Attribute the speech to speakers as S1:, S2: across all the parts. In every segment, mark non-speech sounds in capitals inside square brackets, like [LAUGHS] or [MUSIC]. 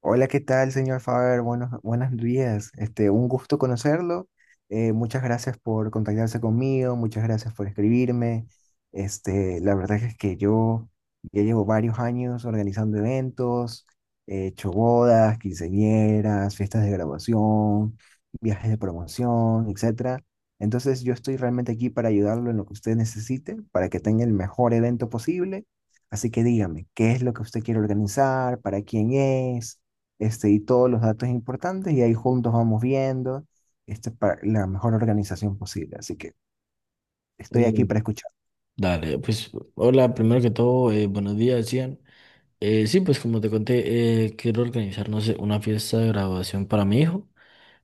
S1: Hola, ¿qué tal, señor Faber? Buenos días. Un gusto conocerlo. Muchas gracias por contactarse conmigo, muchas gracias por escribirme. La verdad es que yo ya llevo varios años organizando eventos, he hecho bodas, quinceañeras, fiestas de graduación, viajes de promoción, etcétera. Entonces, yo estoy realmente aquí para ayudarlo en lo que usted necesite, para que tenga el mejor evento posible. Así que dígame, ¿qué es lo que usted quiere organizar? ¿Para quién es? Y todos los datos importantes y ahí juntos vamos viendo, para la mejor organización posible. Así que estoy aquí
S2: Mm,
S1: para escuchar.
S2: Dale, pues hola, primero que todo, buenos días, Ian. Sí, pues como te conté, quiero organizar, no sé, una fiesta de graduación para mi hijo.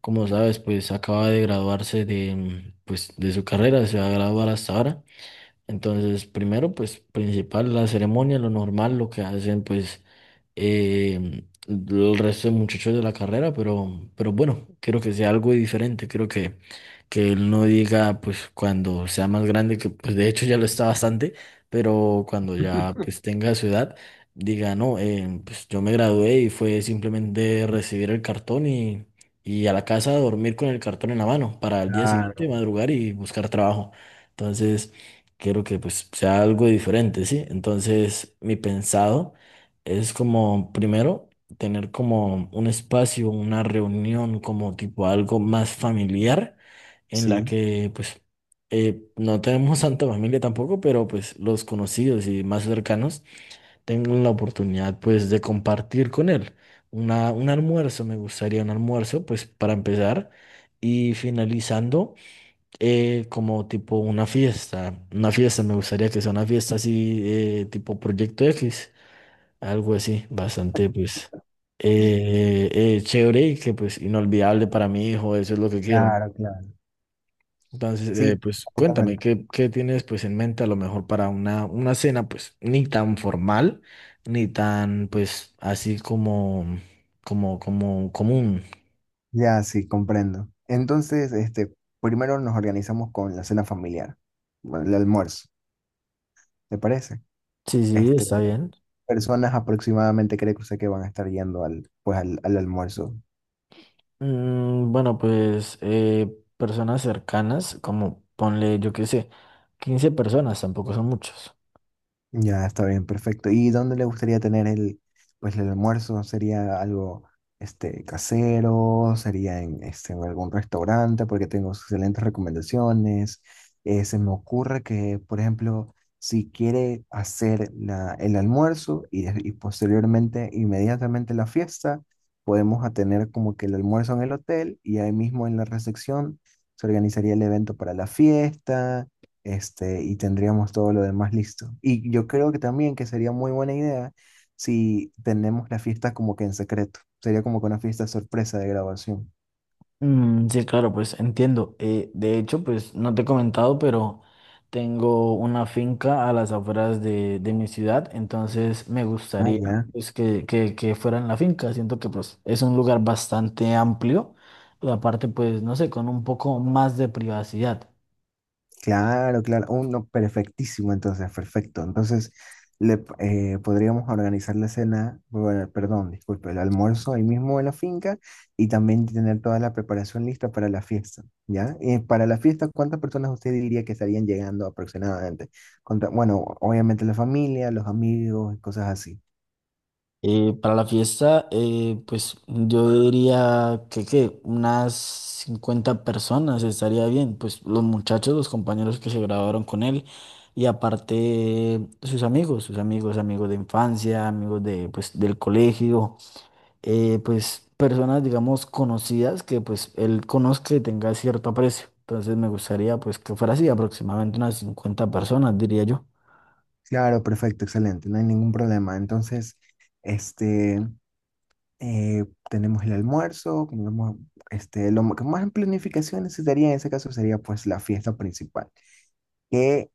S2: Como sabes, pues acaba de graduarse de, pues, de su carrera, se va a graduar hasta ahora. Entonces, primero, pues principal, la ceremonia, lo normal, lo que hacen, pues el resto de muchachos de la carrera, pero bueno, quiero que sea algo diferente, quiero que él no diga, pues cuando sea más grande, que pues de hecho ya lo está bastante, pero cuando ya pues tenga su edad, diga, no, pues yo me gradué y fue simplemente recibir el cartón y a la casa a dormir con el cartón en la mano para el día siguiente
S1: Claro,
S2: madrugar y buscar trabajo. Entonces, quiero que pues sea algo diferente, ¿sí? Entonces, mi pensado es como, primero, tener como un espacio, una reunión, como tipo algo más familiar, en la
S1: sí,
S2: que pues no tenemos [LAUGHS] tanta familia tampoco, pero pues los conocidos y más cercanos tengan la oportunidad pues de compartir con él. Una, un almuerzo, me gustaría un almuerzo, pues para empezar. Y finalizando, como tipo una fiesta. Una fiesta, me gustaría que sea una fiesta así, tipo Proyecto X. Algo así, bastante, pues, chévere y que, pues, inolvidable para mi hijo, eso es lo que quiero, ¿no?
S1: claro, claro.
S2: Entonces,
S1: Sí,
S2: pues, cuéntame,
S1: completamente.
S2: ¿qué, qué tienes, pues, en mente a lo mejor para una cena, pues, ni tan formal, ni tan, pues, así como, como, como común?
S1: Ya, sí, comprendo. Entonces, primero nos organizamos con la cena familiar, bueno, el almuerzo, ¿te parece?
S2: Sí, sí,
S1: Este,
S2: está bien.
S1: Personas aproximadamente creo que sé que van a estar yendo al almuerzo.
S2: Bueno, pues, personas cercanas, como, ponle, yo qué sé, 15 personas, tampoco son muchos.
S1: Ya, está bien, perfecto. ¿Y dónde le gustaría tener pues el almuerzo? ¿Sería algo casero? ¿Sería en, en algún restaurante? Porque tengo excelentes recomendaciones. Se me ocurre que, por ejemplo, si quiere hacer el almuerzo y, y posteriormente, inmediatamente la fiesta, podemos a tener como que el almuerzo en el hotel y ahí mismo en la recepción se organizaría el evento para la fiesta, y tendríamos todo lo demás listo. Y yo creo que también que sería muy buena idea si tenemos la fiesta como que en secreto. Sería como que una fiesta sorpresa de grabación.
S2: Mm, sí, claro, pues entiendo. De hecho, pues no te he comentado, pero tengo una finca a las afueras de mi ciudad, entonces me
S1: Ah,
S2: gustaría
S1: ya.
S2: pues, que fuera en la finca. Siento que pues es un lugar bastante amplio y aparte pues no sé, con un poco más de privacidad.
S1: Claro, claro, uno perfectísimo, entonces, perfecto. Entonces, podríamos organizar la cena, bueno, perdón, disculpe, el almuerzo ahí mismo en la finca y también tener toda la preparación lista para la fiesta, ¿ya? Y para la fiesta, ¿cuántas personas usted diría que estarían llegando aproximadamente? Bueno, obviamente la familia, los amigos y cosas así.
S2: Para la fiesta, pues yo diría que, ¿qué? unas 50 personas estaría bien, pues los muchachos, los compañeros que se graduaron con él y aparte sus amigos, amigos de infancia, amigos de, pues, del colegio, pues personas, digamos, conocidas que pues él conozca y tenga cierto aprecio. Entonces me gustaría pues que fuera así, aproximadamente unas 50 personas, diría yo.
S1: Claro, perfecto, excelente, no hay ningún problema. Entonces, este... eh, tenemos el almuerzo, tenemos, lo que más en planificación necesitaría en ese caso sería pues la fiesta principal. ¿Qué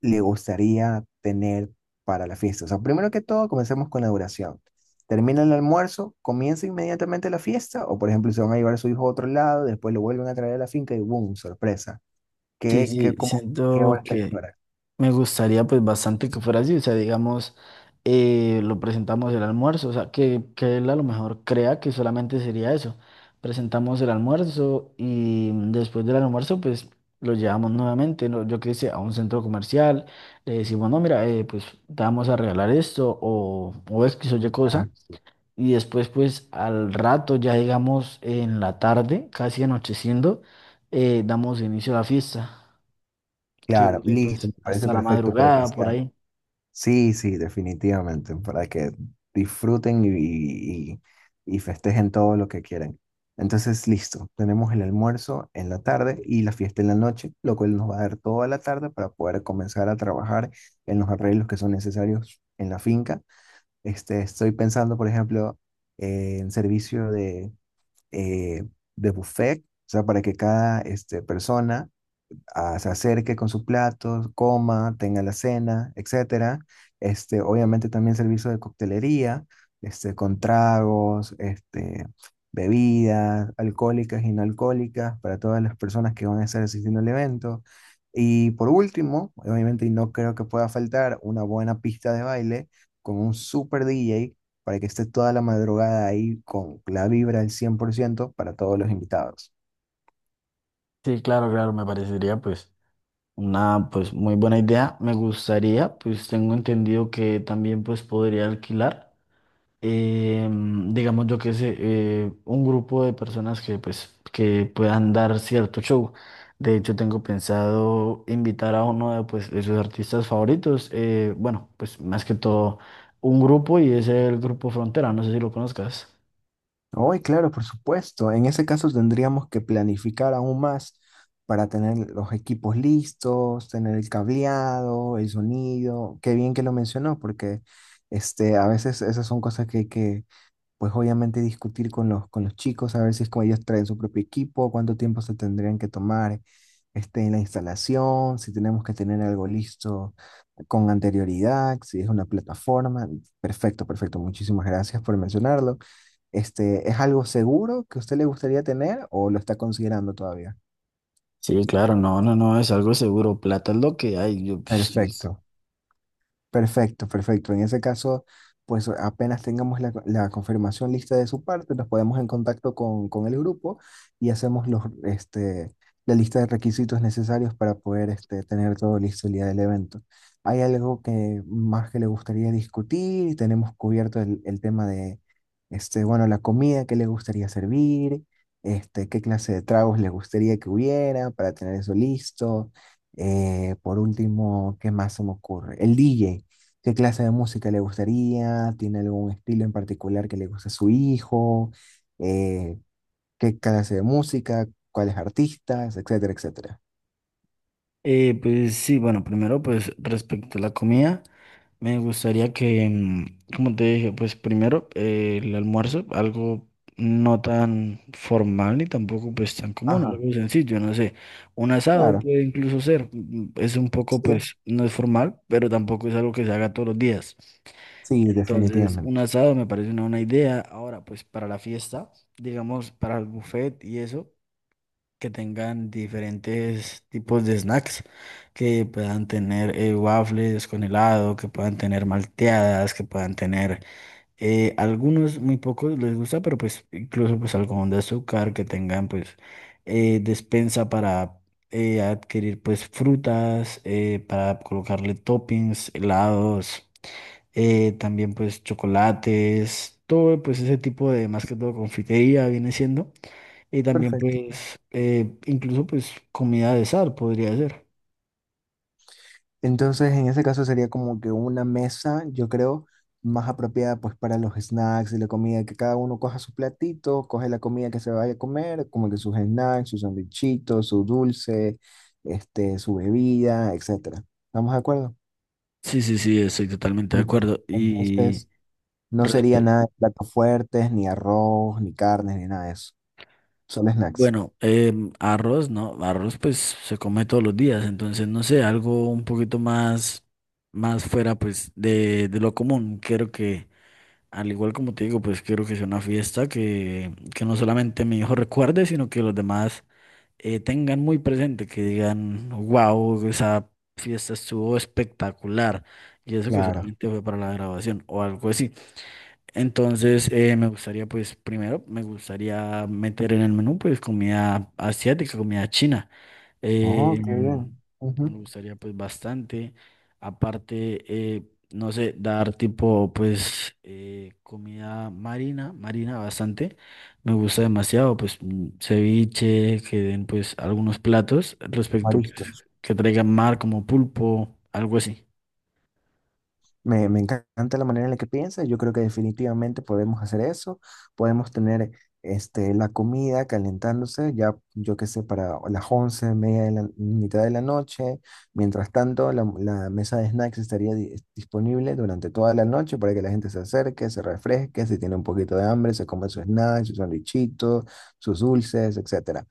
S1: le gustaría tener para la fiesta? O sea, primero que todo, comencemos con la duración. ¿Termina el almuerzo? ¿Comienza inmediatamente la fiesta? O por ejemplo, se van a llevar a su hijo a otro lado, después lo vuelven a traer a la finca y ¡boom! ¡Sorpresa!
S2: Sí,
S1: ¿Qué,
S2: sí,
S1: qué, cómo, qué hora
S2: siento
S1: está aquí?
S2: que me gustaría pues bastante que fuera así, o sea, digamos, lo presentamos el almuerzo, o sea, que él a lo mejor crea que solamente sería eso. Presentamos el almuerzo y después del almuerzo pues lo llevamos nuevamente, ¿no? Yo qué sé, a un centro comercial, le decimos, no, mira, pues te vamos a regalar esto o es que soy cosa. Y después pues al rato, ya digamos en la tarde, casi anocheciendo, damos inicio a la fiesta, que
S1: Claro,
S2: dure
S1: listo, me
S2: pues
S1: parece
S2: hasta la
S1: perfecto para que
S2: madrugada por
S1: sea.
S2: ahí.
S1: Sí, sí, definitivamente, para que disfruten y festejen todo lo que quieran. Entonces, listo, tenemos el almuerzo en la tarde y la fiesta en la noche, lo cual nos va a dar toda la tarde para poder comenzar a trabajar en los arreglos que son necesarios en la finca. Estoy pensando, por ejemplo, en servicio eh, de buffet, o sea, para que cada persona se acerque con su plato, coma, tenga la cena, etcétera. Obviamente también servicio de coctelería, con tragos, bebidas alcohólicas y no alcohólicas para todas las personas que van a estar asistiendo al evento. Y por último, obviamente, y no creo que pueda faltar, una buena pista de baile con un super DJ para que esté toda la madrugada ahí con la vibra al 100% para todos los invitados.
S2: Sí, claro, claro, me parecería pues una pues muy buena idea. Me gustaría, pues tengo entendido que también pues podría alquilar, digamos yo que sé, un grupo de personas que pues que puedan dar cierto show. De hecho, tengo pensado invitar a uno de pues de sus artistas favoritos. Bueno, pues más que todo un grupo y es el grupo Frontera, no sé si lo conozcas.
S1: Hoy, claro, por supuesto. En ese caso tendríamos que planificar aún más para tener los equipos listos, tener el cableado, el sonido. Qué bien que lo mencionó, porque, a veces esas son cosas que hay que, pues obviamente discutir con con los chicos, a ver si es como ellos traen su propio equipo, cuánto tiempo se tendrían que tomar, en la instalación, si tenemos que tener algo listo con anterioridad, si es una plataforma. Perfecto, perfecto. Muchísimas gracias por mencionarlo. ¿Es algo seguro que a usted le gustaría tener o lo está considerando todavía?
S2: Sí, claro, no, no, no, es algo seguro. Plata es lo que hay. Yo, pues.
S1: Perfecto. Perfecto, perfecto. En ese caso, pues apenas tengamos la confirmación lista de su parte, nos ponemos en contacto con el grupo y hacemos la lista de requisitos necesarios para poder, tener todo listo el día del evento. ¿Hay algo que más que le gustaría discutir? Tenemos cubierto el tema de, bueno, la comida que le gustaría servir, qué clase de tragos le gustaría que hubiera para tener eso listo. Por último, ¿qué más se me ocurre? El DJ, qué clase de música le gustaría, tiene algún estilo en particular que le gusta a su hijo, eh, qué clase de música, cuáles artistas, etcétera, etcétera.
S2: Pues sí, bueno, primero pues respecto a la comida, me gustaría que, como te dije, pues primero el almuerzo, algo no tan formal ni tampoco pues tan común,
S1: Ajá,
S2: algo sencillo, no sé, un asado
S1: claro.
S2: puede incluso ser, es un poco
S1: Sí,
S2: pues no es formal, pero tampoco es algo que se haga todos los días.
S1: sí,
S2: Entonces, un
S1: definitivamente.
S2: asado me parece una buena idea. Ahora, pues para la fiesta, digamos, para el buffet y eso que tengan diferentes tipos de snacks, que puedan tener waffles con helado, que puedan tener malteadas, que puedan tener algunos, muy pocos les gusta, pero pues incluso pues algodón de azúcar, que tengan pues despensa para adquirir pues frutas, para colocarle toppings, helados, también pues chocolates, todo pues ese tipo de más que todo confitería viene siendo. Y también
S1: Perfecto.
S2: pues incluso pues comida de sal podría ser.
S1: Entonces, en ese caso sería como que una mesa, yo creo, más apropiada pues para los snacks y la comida, que cada uno coja su platito, coge la comida que se vaya a comer, como que sus snacks, sus sandwichitos, su dulce, su bebida, etcétera. ¿Estamos de acuerdo?
S2: Sí, sí, sí, estoy totalmente de
S1: Uf.
S2: acuerdo.
S1: Entonces, no sería
S2: Respe-
S1: nada de platos fuertes, ni arroz, ni carnes, ni nada de eso. Solo snacks.
S2: bueno, arroz, ¿no? Arroz pues se come todos los días, entonces no sé, algo un poquito más, más fuera pues de lo común. Quiero que, al igual como te digo, pues quiero que sea una fiesta que no solamente mi hijo recuerde, sino que los demás tengan muy presente, que digan, wow, esa fiesta estuvo espectacular, y eso que
S1: Claro.
S2: solamente fue para la grabación o algo así. Entonces, me gustaría, pues, primero, me gustaría meter en el menú, pues, comida asiática, comida china. Ujú.
S1: Oh, qué bien.
S2: Me
S1: Ujú.
S2: gustaría pues bastante. Aparte, no sé, dar tipo pues comida marina, marina bastante. Me gusta demasiado pues ceviche, que den pues algunos platos respecto pues
S1: Mariscos.
S2: que traigan mar como pulpo, algo así.
S1: Me encanta la manera en la que piensas. Yo creo que definitivamente podemos hacer eso. Podemos tener, la comida calentándose ya, yo qué sé, para las 11 media de la mitad de la noche. Mientras tanto, la mesa de snacks estaría disponible durante toda la noche para que la gente se acerque, se refresque, si tiene un poquito de hambre, se come sus snacks, sus sandwichitos, sus dulces, etcétera.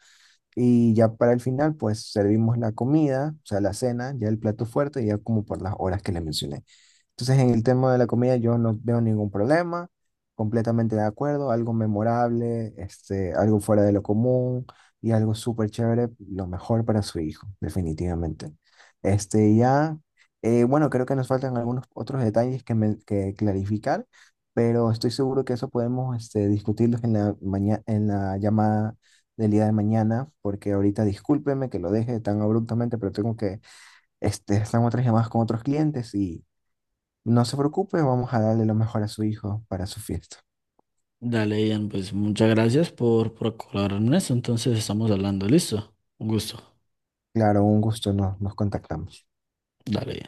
S1: Y ya para el final, pues servimos la comida, o sea, la cena, ya el plato fuerte, ya como por las horas que le mencioné. Entonces, en el tema de la comida yo no veo ningún problema, completamente de acuerdo, algo memorable, algo fuera de lo común y algo súper chévere, lo mejor para su hijo, definitivamente. Este, ya, bueno, creo que nos faltan algunos otros detalles que, que clarificar, pero estoy seguro que eso podemos, discutirlos en la en la llamada del día de mañana, porque ahorita discúlpeme que lo deje tan abruptamente, pero tengo que, están otras llamadas con otros clientes. No se preocupe, vamos a darle lo mejor a su hijo para su fiesta.
S2: Dale, Ian, pues muchas gracias por colaborar en eso. Entonces estamos hablando, ¿listo? Un gusto.
S1: Claro, un gusto, nos contactamos.
S2: Dale.